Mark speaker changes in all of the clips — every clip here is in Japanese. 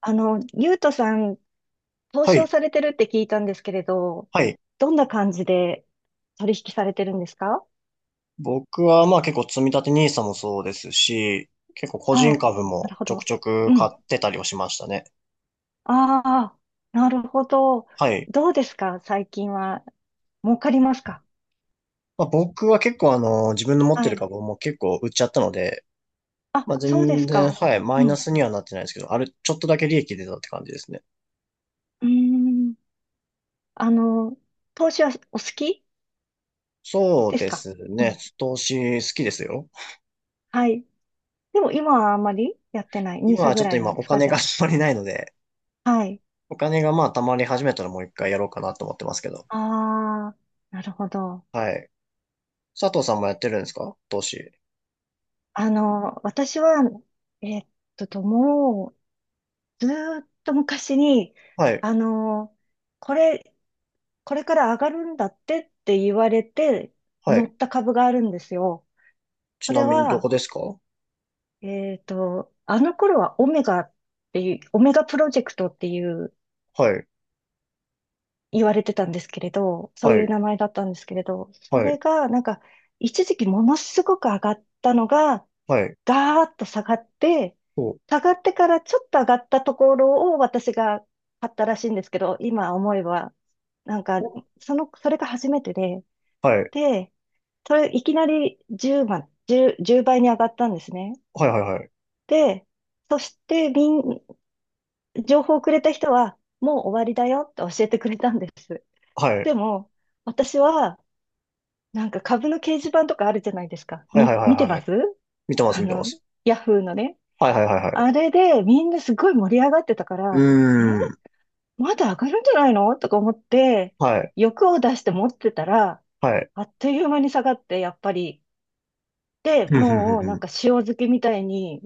Speaker 1: ゆうとさん、投
Speaker 2: は
Speaker 1: 資
Speaker 2: い。
Speaker 1: をされてるって聞いたんですけれど、
Speaker 2: はい。
Speaker 1: どんな感じで取引されてるんですか？
Speaker 2: 僕はまあ結構積み立てニーサもそうですし、結構個人
Speaker 1: ああ、
Speaker 2: 株
Speaker 1: な
Speaker 2: も
Speaker 1: るほ
Speaker 2: ちょく
Speaker 1: ど。
Speaker 2: ちょく
Speaker 1: う
Speaker 2: 買
Speaker 1: ん。
Speaker 2: ってたりをしましたね。
Speaker 1: ああ、なるほど。
Speaker 2: はい。
Speaker 1: どうですか最近は。儲かりますか？
Speaker 2: まあ僕は結構自分の持って
Speaker 1: は
Speaker 2: る
Speaker 1: い。
Speaker 2: 株も結構売っちゃったので、
Speaker 1: あ、
Speaker 2: まあ
Speaker 1: そうです
Speaker 2: 全然、
Speaker 1: か。
Speaker 2: はい、マ
Speaker 1: う
Speaker 2: イナ
Speaker 1: ん。
Speaker 2: スにはなってないですけど、あれ、ちょっとだけ利益出たって感じですね。
Speaker 1: うーん。あの、投資はお好き
Speaker 2: そう
Speaker 1: です
Speaker 2: で
Speaker 1: か？
Speaker 2: す
Speaker 1: うん。
Speaker 2: ね。投資好きですよ。
Speaker 1: はい。でも今はあんまりやってない。n i
Speaker 2: 今
Speaker 1: s
Speaker 2: はち
Speaker 1: ぐ
Speaker 2: ょっ
Speaker 1: ら
Speaker 2: と
Speaker 1: い
Speaker 2: 今
Speaker 1: なんで
Speaker 2: お
Speaker 1: すか
Speaker 2: 金
Speaker 1: じ
Speaker 2: が
Speaker 1: ゃ
Speaker 2: あんまりないので、
Speaker 1: あ。はい。
Speaker 2: お金がまあ溜まり始めたらもう一回やろうかなと思ってますけど。
Speaker 1: ああ、なるほど。
Speaker 2: はい。佐藤さんもやってるんですか投資。
Speaker 1: 私は、えっもう、ずーっと昔に、
Speaker 2: はい。
Speaker 1: あの、これ、これから上がるんだってって言われて、
Speaker 2: は
Speaker 1: 乗
Speaker 2: い。
Speaker 1: った株があるんですよ。そ
Speaker 2: ちな
Speaker 1: れ
Speaker 2: みにど
Speaker 1: は、
Speaker 2: こですか？は
Speaker 1: あの頃はオメガっていう、オメガプロジェクトっていう、
Speaker 2: い、
Speaker 1: 言われてたんですけれど、そう
Speaker 2: は
Speaker 1: い
Speaker 2: い、
Speaker 1: う名前だったんですけれど、そ
Speaker 2: はい、
Speaker 1: れが、なんか、一時期ものすごく上がったのが、
Speaker 2: はい、
Speaker 1: ガーッと下がって、
Speaker 2: お、
Speaker 1: 下がってからちょっと上がったところを私が買ったらしいんですけど、今思えば、なんか、
Speaker 2: お
Speaker 1: その、それが初めてで、
Speaker 2: はい、
Speaker 1: で、それいきなり10万、1倍に上がったんですね。
Speaker 2: はい、はい、
Speaker 1: で、そしてみん、情報をくれた人は、もう終わりだよって教えてくれたんです。
Speaker 2: はい、
Speaker 1: でも、私は、なんか株の掲示板とかあるじゃないですか。
Speaker 2: はい、はい、はい、は
Speaker 1: 見
Speaker 2: い、
Speaker 1: て
Speaker 2: はいは
Speaker 1: ま
Speaker 2: い、
Speaker 1: す
Speaker 2: 見てます、
Speaker 1: あ
Speaker 2: 見てま
Speaker 1: の、
Speaker 2: す。
Speaker 1: ヤフーのね。
Speaker 2: はい、はい、はい、はい。
Speaker 1: あれでみんなすごい盛り上がってたか
Speaker 2: うー
Speaker 1: ら、え、
Speaker 2: ん、
Speaker 1: まだ上がるんじゃないのとか思って、
Speaker 2: はい、
Speaker 1: 欲を出して持ってたら、
Speaker 2: はい、
Speaker 1: あっという間に下がって、やっぱり。で、
Speaker 2: ふんふんふん
Speaker 1: もうな
Speaker 2: ふ
Speaker 1: ん
Speaker 2: ん。
Speaker 1: か塩漬けみたいに、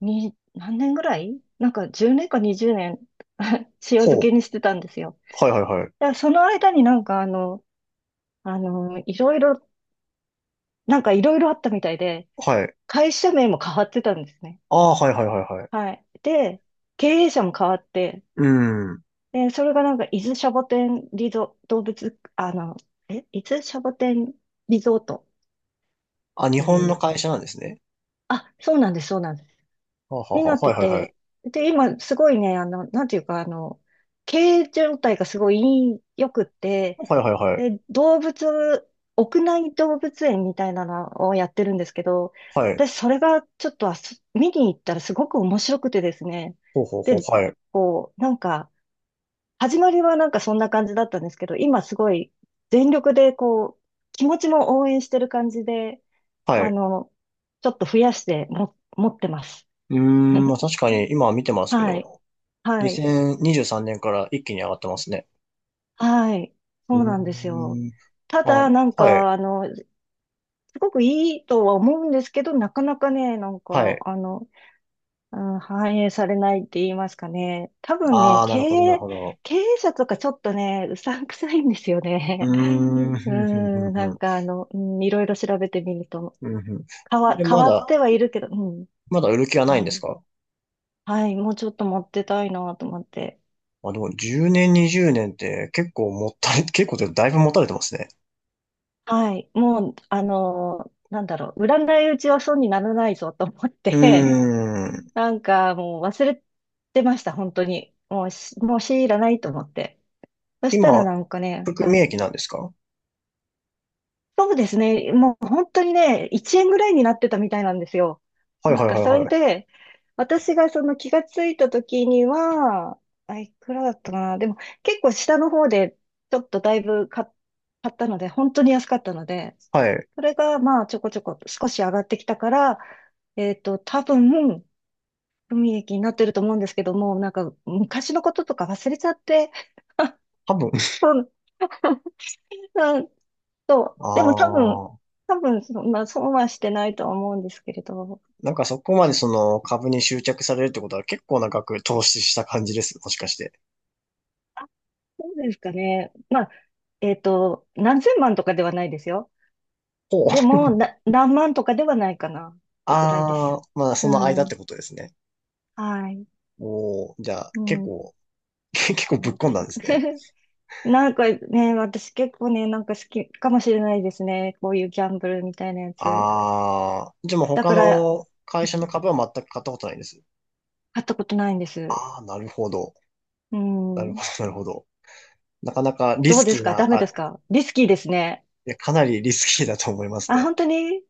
Speaker 1: に、何年ぐらいなんか10年か20年 塩漬
Speaker 2: ほ
Speaker 1: け
Speaker 2: う、
Speaker 1: にしてたんですよ。
Speaker 2: はい、はい、はい、
Speaker 1: だからその間になんかあの、いろいろ、なんかいろいろあったみたいで、
Speaker 2: はい。
Speaker 1: 会社名も変わってたんですね。
Speaker 2: ああ、はい、はい、はい、はい。
Speaker 1: はい。で、経営者も変わって、
Speaker 2: うーん。
Speaker 1: で、それがなんか、伊豆シャボテンリゾートっ
Speaker 2: あ、日
Speaker 1: てい
Speaker 2: 本の
Speaker 1: う、
Speaker 2: 会社なんですね。
Speaker 1: あ、そうなんです、そうなんです。
Speaker 2: はあは
Speaker 1: に
Speaker 2: あ
Speaker 1: な
Speaker 2: は
Speaker 1: っ
Speaker 2: あ、は
Speaker 1: て
Speaker 2: い、はい、はい。
Speaker 1: て、で、今、すごいね、なんていうか、経営状態がすごい良くって、
Speaker 2: はい、はい、はい、
Speaker 1: で、動物、屋内動物園みたいなのをやってるんですけど、
Speaker 2: はい。
Speaker 1: 私、それがちょっとあす見に行ったらすごく面白くてですね、
Speaker 2: ほうほうほう、
Speaker 1: で、
Speaker 2: はい、
Speaker 1: こう、なんか、始まりはなんかそんな感じだったんですけど、今すごい全力でこう、気持ちも応援してる感じで、
Speaker 2: は
Speaker 1: あ
Speaker 2: い。
Speaker 1: の、ちょっと増やしても、持ってます。
Speaker 2: うーん、まあ 確かに今は見てますけ
Speaker 1: はい、
Speaker 2: ど、
Speaker 1: はい、
Speaker 2: 2023年から一気に上がってますね。
Speaker 1: はい、
Speaker 2: う
Speaker 1: そうなんですよ。
Speaker 2: ーん。
Speaker 1: た
Speaker 2: あ、
Speaker 1: だ、なん
Speaker 2: はい。
Speaker 1: か、すごくいいとは思うんですけど、なかなかね、なん
Speaker 2: は
Speaker 1: か、
Speaker 2: い。
Speaker 1: うん、反映されないって言いますかね。多分ね、
Speaker 2: ああ、なるほど、なるほど。
Speaker 1: 経営者とかちょっとね、うさんくさいんですよ
Speaker 2: う
Speaker 1: ね。
Speaker 2: ーん、
Speaker 1: う
Speaker 2: ふんふんふん
Speaker 1: ん、な
Speaker 2: ふ
Speaker 1: ん
Speaker 2: ん。
Speaker 1: かあの、うん、いろいろ調べてみると、
Speaker 2: うんふん、で、
Speaker 1: 変
Speaker 2: ま
Speaker 1: わって
Speaker 2: だ、
Speaker 1: はいるけど、うん、
Speaker 2: まだ売る気はない
Speaker 1: は
Speaker 2: んです
Speaker 1: い。
Speaker 2: か？
Speaker 1: はい、もうちょっと持ってたいなと思って。
Speaker 2: あ、でも10年、20年って結構もったれ、結構でだいぶ持たれてますね。
Speaker 1: はい、もう、なんだろう、売らないうちは損にならないぞと思っ
Speaker 2: うー
Speaker 1: て、う
Speaker 2: ん。
Speaker 1: ん なんかもう忘れてました、本当に。もう強いらないと思って。そしたら
Speaker 2: 今、
Speaker 1: なんかね、
Speaker 2: 含
Speaker 1: は
Speaker 2: み
Speaker 1: い。
Speaker 2: 益なんですか？は
Speaker 1: そうですね。もう本当にね、1円ぐらいになってたみたいなんですよ。
Speaker 2: いはい
Speaker 1: な
Speaker 2: は
Speaker 1: んか
Speaker 2: い
Speaker 1: それ
Speaker 2: はい。
Speaker 1: で、私がその気がついた時には、あ、いくらだったかな。でも結構下の方でちょっとだいぶ買ったので、本当に安かったので、
Speaker 2: はい。
Speaker 1: それがまあちょこちょこ少し上がってきたから、えっと、多分、海益になってると思うんですけども、なんか昔のこととか忘れちゃって、
Speaker 2: 多分。
Speaker 1: そう そう。
Speaker 2: あ
Speaker 1: でも多分、
Speaker 2: あ。
Speaker 1: 多分そんな、損はしてないとは思うんですけれど。
Speaker 2: なんかそこまでその株に執着されるってことは結構な額投資した感じです。もしかして。
Speaker 1: あ、そうですかね。まあ、えっと、何千万とかではないですよ。
Speaker 2: ほ
Speaker 1: で
Speaker 2: う。
Speaker 1: も、な、何万とかではないかなってぐらいで
Speaker 2: ああ、
Speaker 1: す。
Speaker 2: まあそ
Speaker 1: う
Speaker 2: の間っ
Speaker 1: ん。
Speaker 2: てことですね。
Speaker 1: はい。
Speaker 2: おー、じゃあ、
Speaker 1: う
Speaker 2: 結
Speaker 1: ん。
Speaker 2: 構、結構ぶ
Speaker 1: そ
Speaker 2: っ
Speaker 1: う
Speaker 2: 込
Speaker 1: で
Speaker 2: ん
Speaker 1: す。
Speaker 2: だんですね。
Speaker 1: なんかね、私結構ね、なんか好きかもしれないですね。こういうギャンブルみたいなやつ。
Speaker 2: あー、じゃあもう
Speaker 1: だ
Speaker 2: 他
Speaker 1: から、
Speaker 2: の会社
Speaker 1: う
Speaker 2: の
Speaker 1: ん、
Speaker 2: 株は全く買ったことないです。
Speaker 1: 買ったことないんです。
Speaker 2: あー、なるほど。
Speaker 1: う
Speaker 2: なるほ
Speaker 1: ん。
Speaker 2: ど、なるほど。なかなかリ
Speaker 1: ど
Speaker 2: ス
Speaker 1: うで
Speaker 2: キ
Speaker 1: す
Speaker 2: ー
Speaker 1: か
Speaker 2: な、
Speaker 1: ダメ
Speaker 2: あ、
Speaker 1: で
Speaker 2: い
Speaker 1: すかリスキーですね。
Speaker 2: や、かなりリスキーだと思います
Speaker 1: あ、
Speaker 2: ね。
Speaker 1: 本当に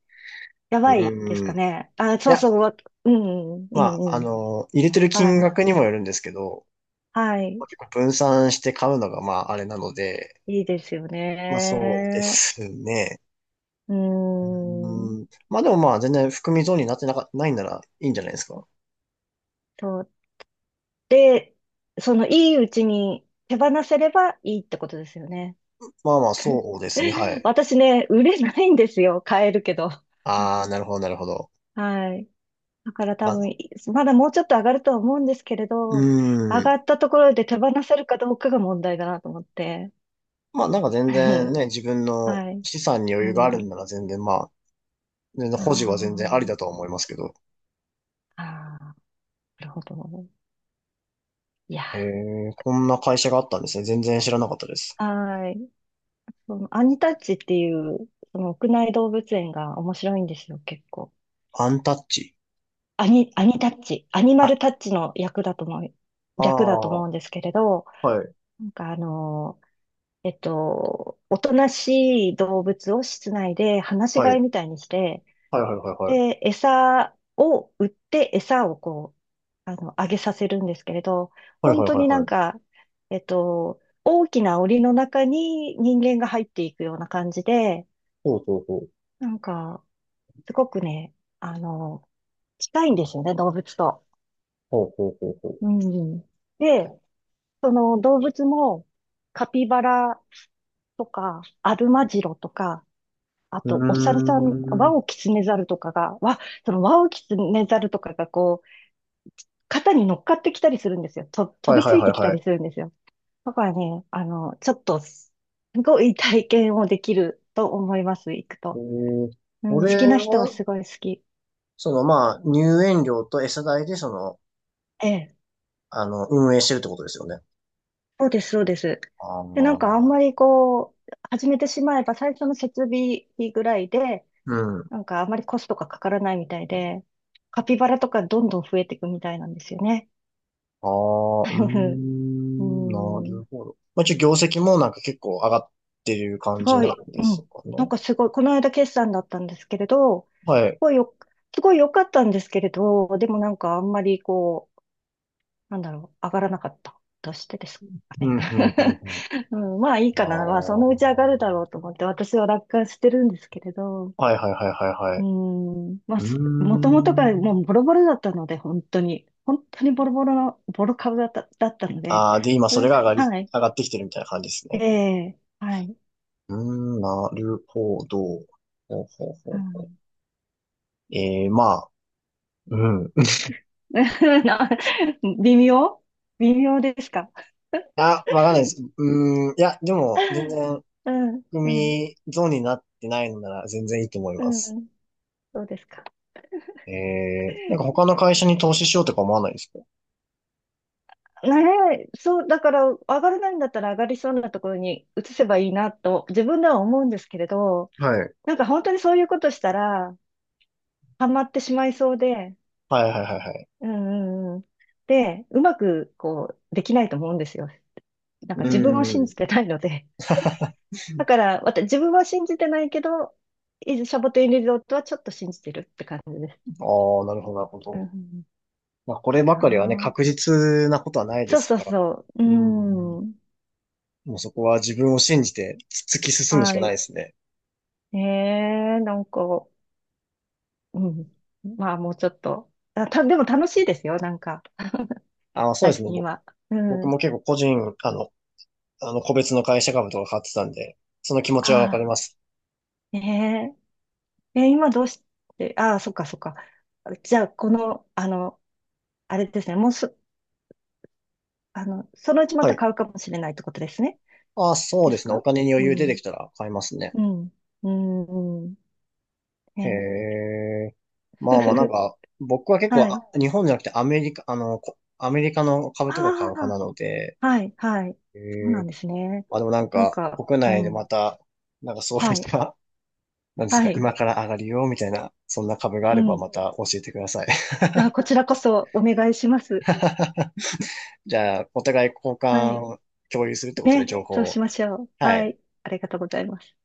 Speaker 1: や
Speaker 2: う
Speaker 1: ばいです
Speaker 2: ー
Speaker 1: か
Speaker 2: ん。い
Speaker 1: ね。あ、そう
Speaker 2: や、
Speaker 1: そう、わ、うん、う
Speaker 2: まあ、
Speaker 1: ん、うん。
Speaker 2: 入れてる
Speaker 1: は
Speaker 2: 金
Speaker 1: い。
Speaker 2: 額にもよるんですけど、
Speaker 1: はい。
Speaker 2: 結構分散して買うのが、まあ、あれなので、
Speaker 1: いいですよ
Speaker 2: まあ、そうで
Speaker 1: ね。
Speaker 2: すね。
Speaker 1: うー
Speaker 2: う
Speaker 1: ん。
Speaker 2: ーん。まあ、でもまあ、全然含み損になってなか、ないならいいんじゃないですか。
Speaker 1: と、で、その、いいうちに手放せればいいってことですよね。
Speaker 2: まあまあ、そうですね。は い。
Speaker 1: 私ね、売れないんですよ。買えるけど。
Speaker 2: ああ、なるほど、なるほど。
Speaker 1: はい。だから多
Speaker 2: ま
Speaker 1: 分、
Speaker 2: あ、
Speaker 1: いまだもうちょっと上がるとは思うんですけれ
Speaker 2: う
Speaker 1: ど、上
Speaker 2: ーん。
Speaker 1: がったところで手放せるかどうかが問題だなと思って。
Speaker 2: まあ、なんか全然 ね、自分の
Speaker 1: はい。
Speaker 2: 資産に余裕がある
Speaker 1: う
Speaker 2: ん
Speaker 1: ん。
Speaker 2: なら全然、まあ、全然
Speaker 1: あ
Speaker 2: 保持は全然ありだと
Speaker 1: ー
Speaker 2: は思いますけど。
Speaker 1: あー。なるほど。いや
Speaker 2: えー、こんな会社があったんですね。全然知らなかったです。
Speaker 1: はい。そのアニタッチっていう、その屋内動物園が面白いんですよ、結構。
Speaker 2: アンタッチ。
Speaker 1: アニタッチ、アニマ
Speaker 2: あ、
Speaker 1: ルタッチの役だと思う、
Speaker 2: あ
Speaker 1: 略だと
Speaker 2: あ、
Speaker 1: 思
Speaker 2: は
Speaker 1: うんですけれど、
Speaker 2: い、
Speaker 1: なんかえっと、おとなしい動物を室内で放し
Speaker 2: はい、は
Speaker 1: 飼い
Speaker 2: い、
Speaker 1: みたいにして、
Speaker 2: はい、はい、はい。
Speaker 1: で、餌を売って餌をこう、あげさせるんですけれど、
Speaker 2: はい、は
Speaker 1: 本
Speaker 2: い、
Speaker 1: 当
Speaker 2: はい、
Speaker 1: にな
Speaker 2: は
Speaker 1: ん
Speaker 2: い。
Speaker 1: か、えっと、大きな檻の中に人間が入っていくような感じで、
Speaker 2: ほうほうほう。
Speaker 1: なんか、すごくね、あの、近いんですよね、動物と。
Speaker 2: ほうほうほうほ
Speaker 1: うん。で、その動物も、カピバラとか、アルマジロとか、あ
Speaker 2: う。う
Speaker 1: と、お猿さん、
Speaker 2: ー
Speaker 1: ワ
Speaker 2: ん。
Speaker 1: オキツネザルとかが、わ、そのワオキツネザルとかがこう、肩に乗っかってきたりするんですよ。と、
Speaker 2: は
Speaker 1: 飛
Speaker 2: い、
Speaker 1: び
Speaker 2: はい、
Speaker 1: つい
Speaker 2: はい、
Speaker 1: てきた
Speaker 2: は
Speaker 1: り
Speaker 2: い。
Speaker 1: するんですよ。だからね、ちょっと、すごい体験をできると思います、行く
Speaker 2: え
Speaker 1: と。
Speaker 2: ー、
Speaker 1: うん、
Speaker 2: こ
Speaker 1: 好き
Speaker 2: れ
Speaker 1: な人は
Speaker 2: は、
Speaker 1: すごい好き。
Speaker 2: その、まあ、入園料と餌代で、その、
Speaker 1: ええ、
Speaker 2: 運営してるってことですよね。
Speaker 1: そうです、そうです。
Speaker 2: あ
Speaker 1: で、な
Speaker 2: ー
Speaker 1: んかあん
Speaker 2: な、
Speaker 1: まりこう、始めてしまえば最初の設備費ぐらいで、
Speaker 2: うん。
Speaker 1: なんかあんまりコストがかからないみたいで、カピバラとかどんどん増えていくみたいなんですよね。
Speaker 2: ああ、うー
Speaker 1: う
Speaker 2: ん、なる
Speaker 1: ん、
Speaker 2: ほど。まあ、一応業績もなんか結構上がってる感
Speaker 1: す
Speaker 2: じ
Speaker 1: ご
Speaker 2: な
Speaker 1: い、
Speaker 2: んで
Speaker 1: う
Speaker 2: す
Speaker 1: ん。
Speaker 2: か
Speaker 1: なん
Speaker 2: ね。
Speaker 1: かすごい、この間決算だったんですけれど、
Speaker 2: はい。
Speaker 1: ごいよ、すごい良かったんですけれど、でもなんかあんまりこう、なんだろう、上がらなかったとしてですか
Speaker 2: う
Speaker 1: ね。
Speaker 2: ん、うん、うん、うん。
Speaker 1: うん、まあいい
Speaker 2: ああ、
Speaker 1: かな。まあそ
Speaker 2: は
Speaker 1: のうち上
Speaker 2: い、
Speaker 1: がるだろうと思って私は楽観してるんですけれど、
Speaker 2: はい、はい、はい、は
Speaker 1: う
Speaker 2: い。
Speaker 1: ん、まあ
Speaker 2: うー
Speaker 1: す、もともとがもう
Speaker 2: ん。
Speaker 1: ボロボロだったので、本当に、本当にボロボロの、ボロ株だった、だったので、
Speaker 2: ああ、で、今
Speaker 1: そ
Speaker 2: それ
Speaker 1: れ
Speaker 2: が上がり、
Speaker 1: はい、
Speaker 2: 上がってきてるみたいな感じです
Speaker 1: え
Speaker 2: ね。
Speaker 1: えはい、
Speaker 2: うーん、なるほど。ほうほうほ
Speaker 1: う
Speaker 2: うほう。
Speaker 1: ん、
Speaker 2: ええまあ、うん。
Speaker 1: な、微妙微妙ですか？
Speaker 2: あ、わかんないです。うーん、いや、でも、全 然、
Speaker 1: うん、うん、
Speaker 2: 組ゾーンになってないのなら全然いいと思い
Speaker 1: う
Speaker 2: ます。
Speaker 1: ん。そうですか。
Speaker 2: えー、なんか他の会社に投資しようとか思わないですか？
Speaker 1: ねえ、そう、だから、上がらないんだったら上がりそうなところに移せばいいなと、自分では思うんですけれど、
Speaker 2: はい。
Speaker 1: なんか本当にそういうことしたら、ハマってしまいそうで、
Speaker 2: はいはいはいはい。
Speaker 1: うんうんうん。で、うまく、こう、できないと思うんですよ。なんか自分を
Speaker 2: う
Speaker 1: 信
Speaker 2: ん。
Speaker 1: じてないので。
Speaker 2: あ
Speaker 1: だから、私、自分は信じてないけど、伊豆シャボテンリゾートはちょっと信じてるって感じです。
Speaker 2: あ、なるほどなるほ
Speaker 1: う
Speaker 2: ど。
Speaker 1: ん、
Speaker 2: まあこれ
Speaker 1: あ
Speaker 2: ばかりはね、確
Speaker 1: あ。
Speaker 2: 実なことはないで
Speaker 1: そう
Speaker 2: す
Speaker 1: そう
Speaker 2: から。
Speaker 1: そう。う
Speaker 2: うん。
Speaker 1: ん。
Speaker 2: もうそこは自分を信じて突き進むし
Speaker 1: は
Speaker 2: かない
Speaker 1: い。
Speaker 2: ですね。
Speaker 1: ええ、なんか、うん。まあ、もうちょっと。あ、た、でも楽しいですよ、なんか、
Speaker 2: ああ、そうで
Speaker 1: 最
Speaker 2: すね。
Speaker 1: 近は。う
Speaker 2: 僕
Speaker 1: ん。
Speaker 2: も結構個人、あの個別の会社株とか買ってたんで、その気持ち
Speaker 1: あ
Speaker 2: はわかり
Speaker 1: あ、
Speaker 2: ます。
Speaker 1: ねえ。え、今どうして、ああ、そっかそっか。じゃあ、この、あれですね、もうそ、そのうちま
Speaker 2: は
Speaker 1: た
Speaker 2: い。
Speaker 1: 買うかもしれないってことですね。
Speaker 2: ああ、そう
Speaker 1: で
Speaker 2: で
Speaker 1: す
Speaker 2: すね。お
Speaker 1: か？
Speaker 2: 金に余
Speaker 1: う
Speaker 2: 裕出て
Speaker 1: ん。
Speaker 2: きたら買いますね。
Speaker 1: うん。うん。うん
Speaker 2: へ
Speaker 1: ね
Speaker 2: え。ま
Speaker 1: え。
Speaker 2: あまあ
Speaker 1: ふふ
Speaker 2: なん
Speaker 1: ふ
Speaker 2: か、僕は結構
Speaker 1: は
Speaker 2: あ、
Speaker 1: い。
Speaker 2: 日本じゃなくてアメリカ、こアメリカの株とか買う派な
Speaker 1: あ
Speaker 2: ので、
Speaker 1: あ、はい、はい。
Speaker 2: え
Speaker 1: そうなん
Speaker 2: え、
Speaker 1: ですね。
Speaker 2: まあでもなん
Speaker 1: なん
Speaker 2: か、
Speaker 1: か、
Speaker 2: 国
Speaker 1: う
Speaker 2: 内でま
Speaker 1: ん。
Speaker 2: た、なんかそう
Speaker 1: は
Speaker 2: いっ
Speaker 1: い、
Speaker 2: た、なんです
Speaker 1: は
Speaker 2: か、
Speaker 1: い。
Speaker 2: 今から上がるよ、みたいな、そんな株があ
Speaker 1: う
Speaker 2: れば
Speaker 1: ん。
Speaker 2: また教えてください。
Speaker 1: あ、こちらこそお願いします。
Speaker 2: じゃあ、お互い交
Speaker 1: はい。
Speaker 2: 換、共有するってことで
Speaker 1: ね、
Speaker 2: 情報
Speaker 1: そう
Speaker 2: を。
Speaker 1: しましょう。
Speaker 2: は
Speaker 1: は
Speaker 2: い。
Speaker 1: い、ありがとうございます。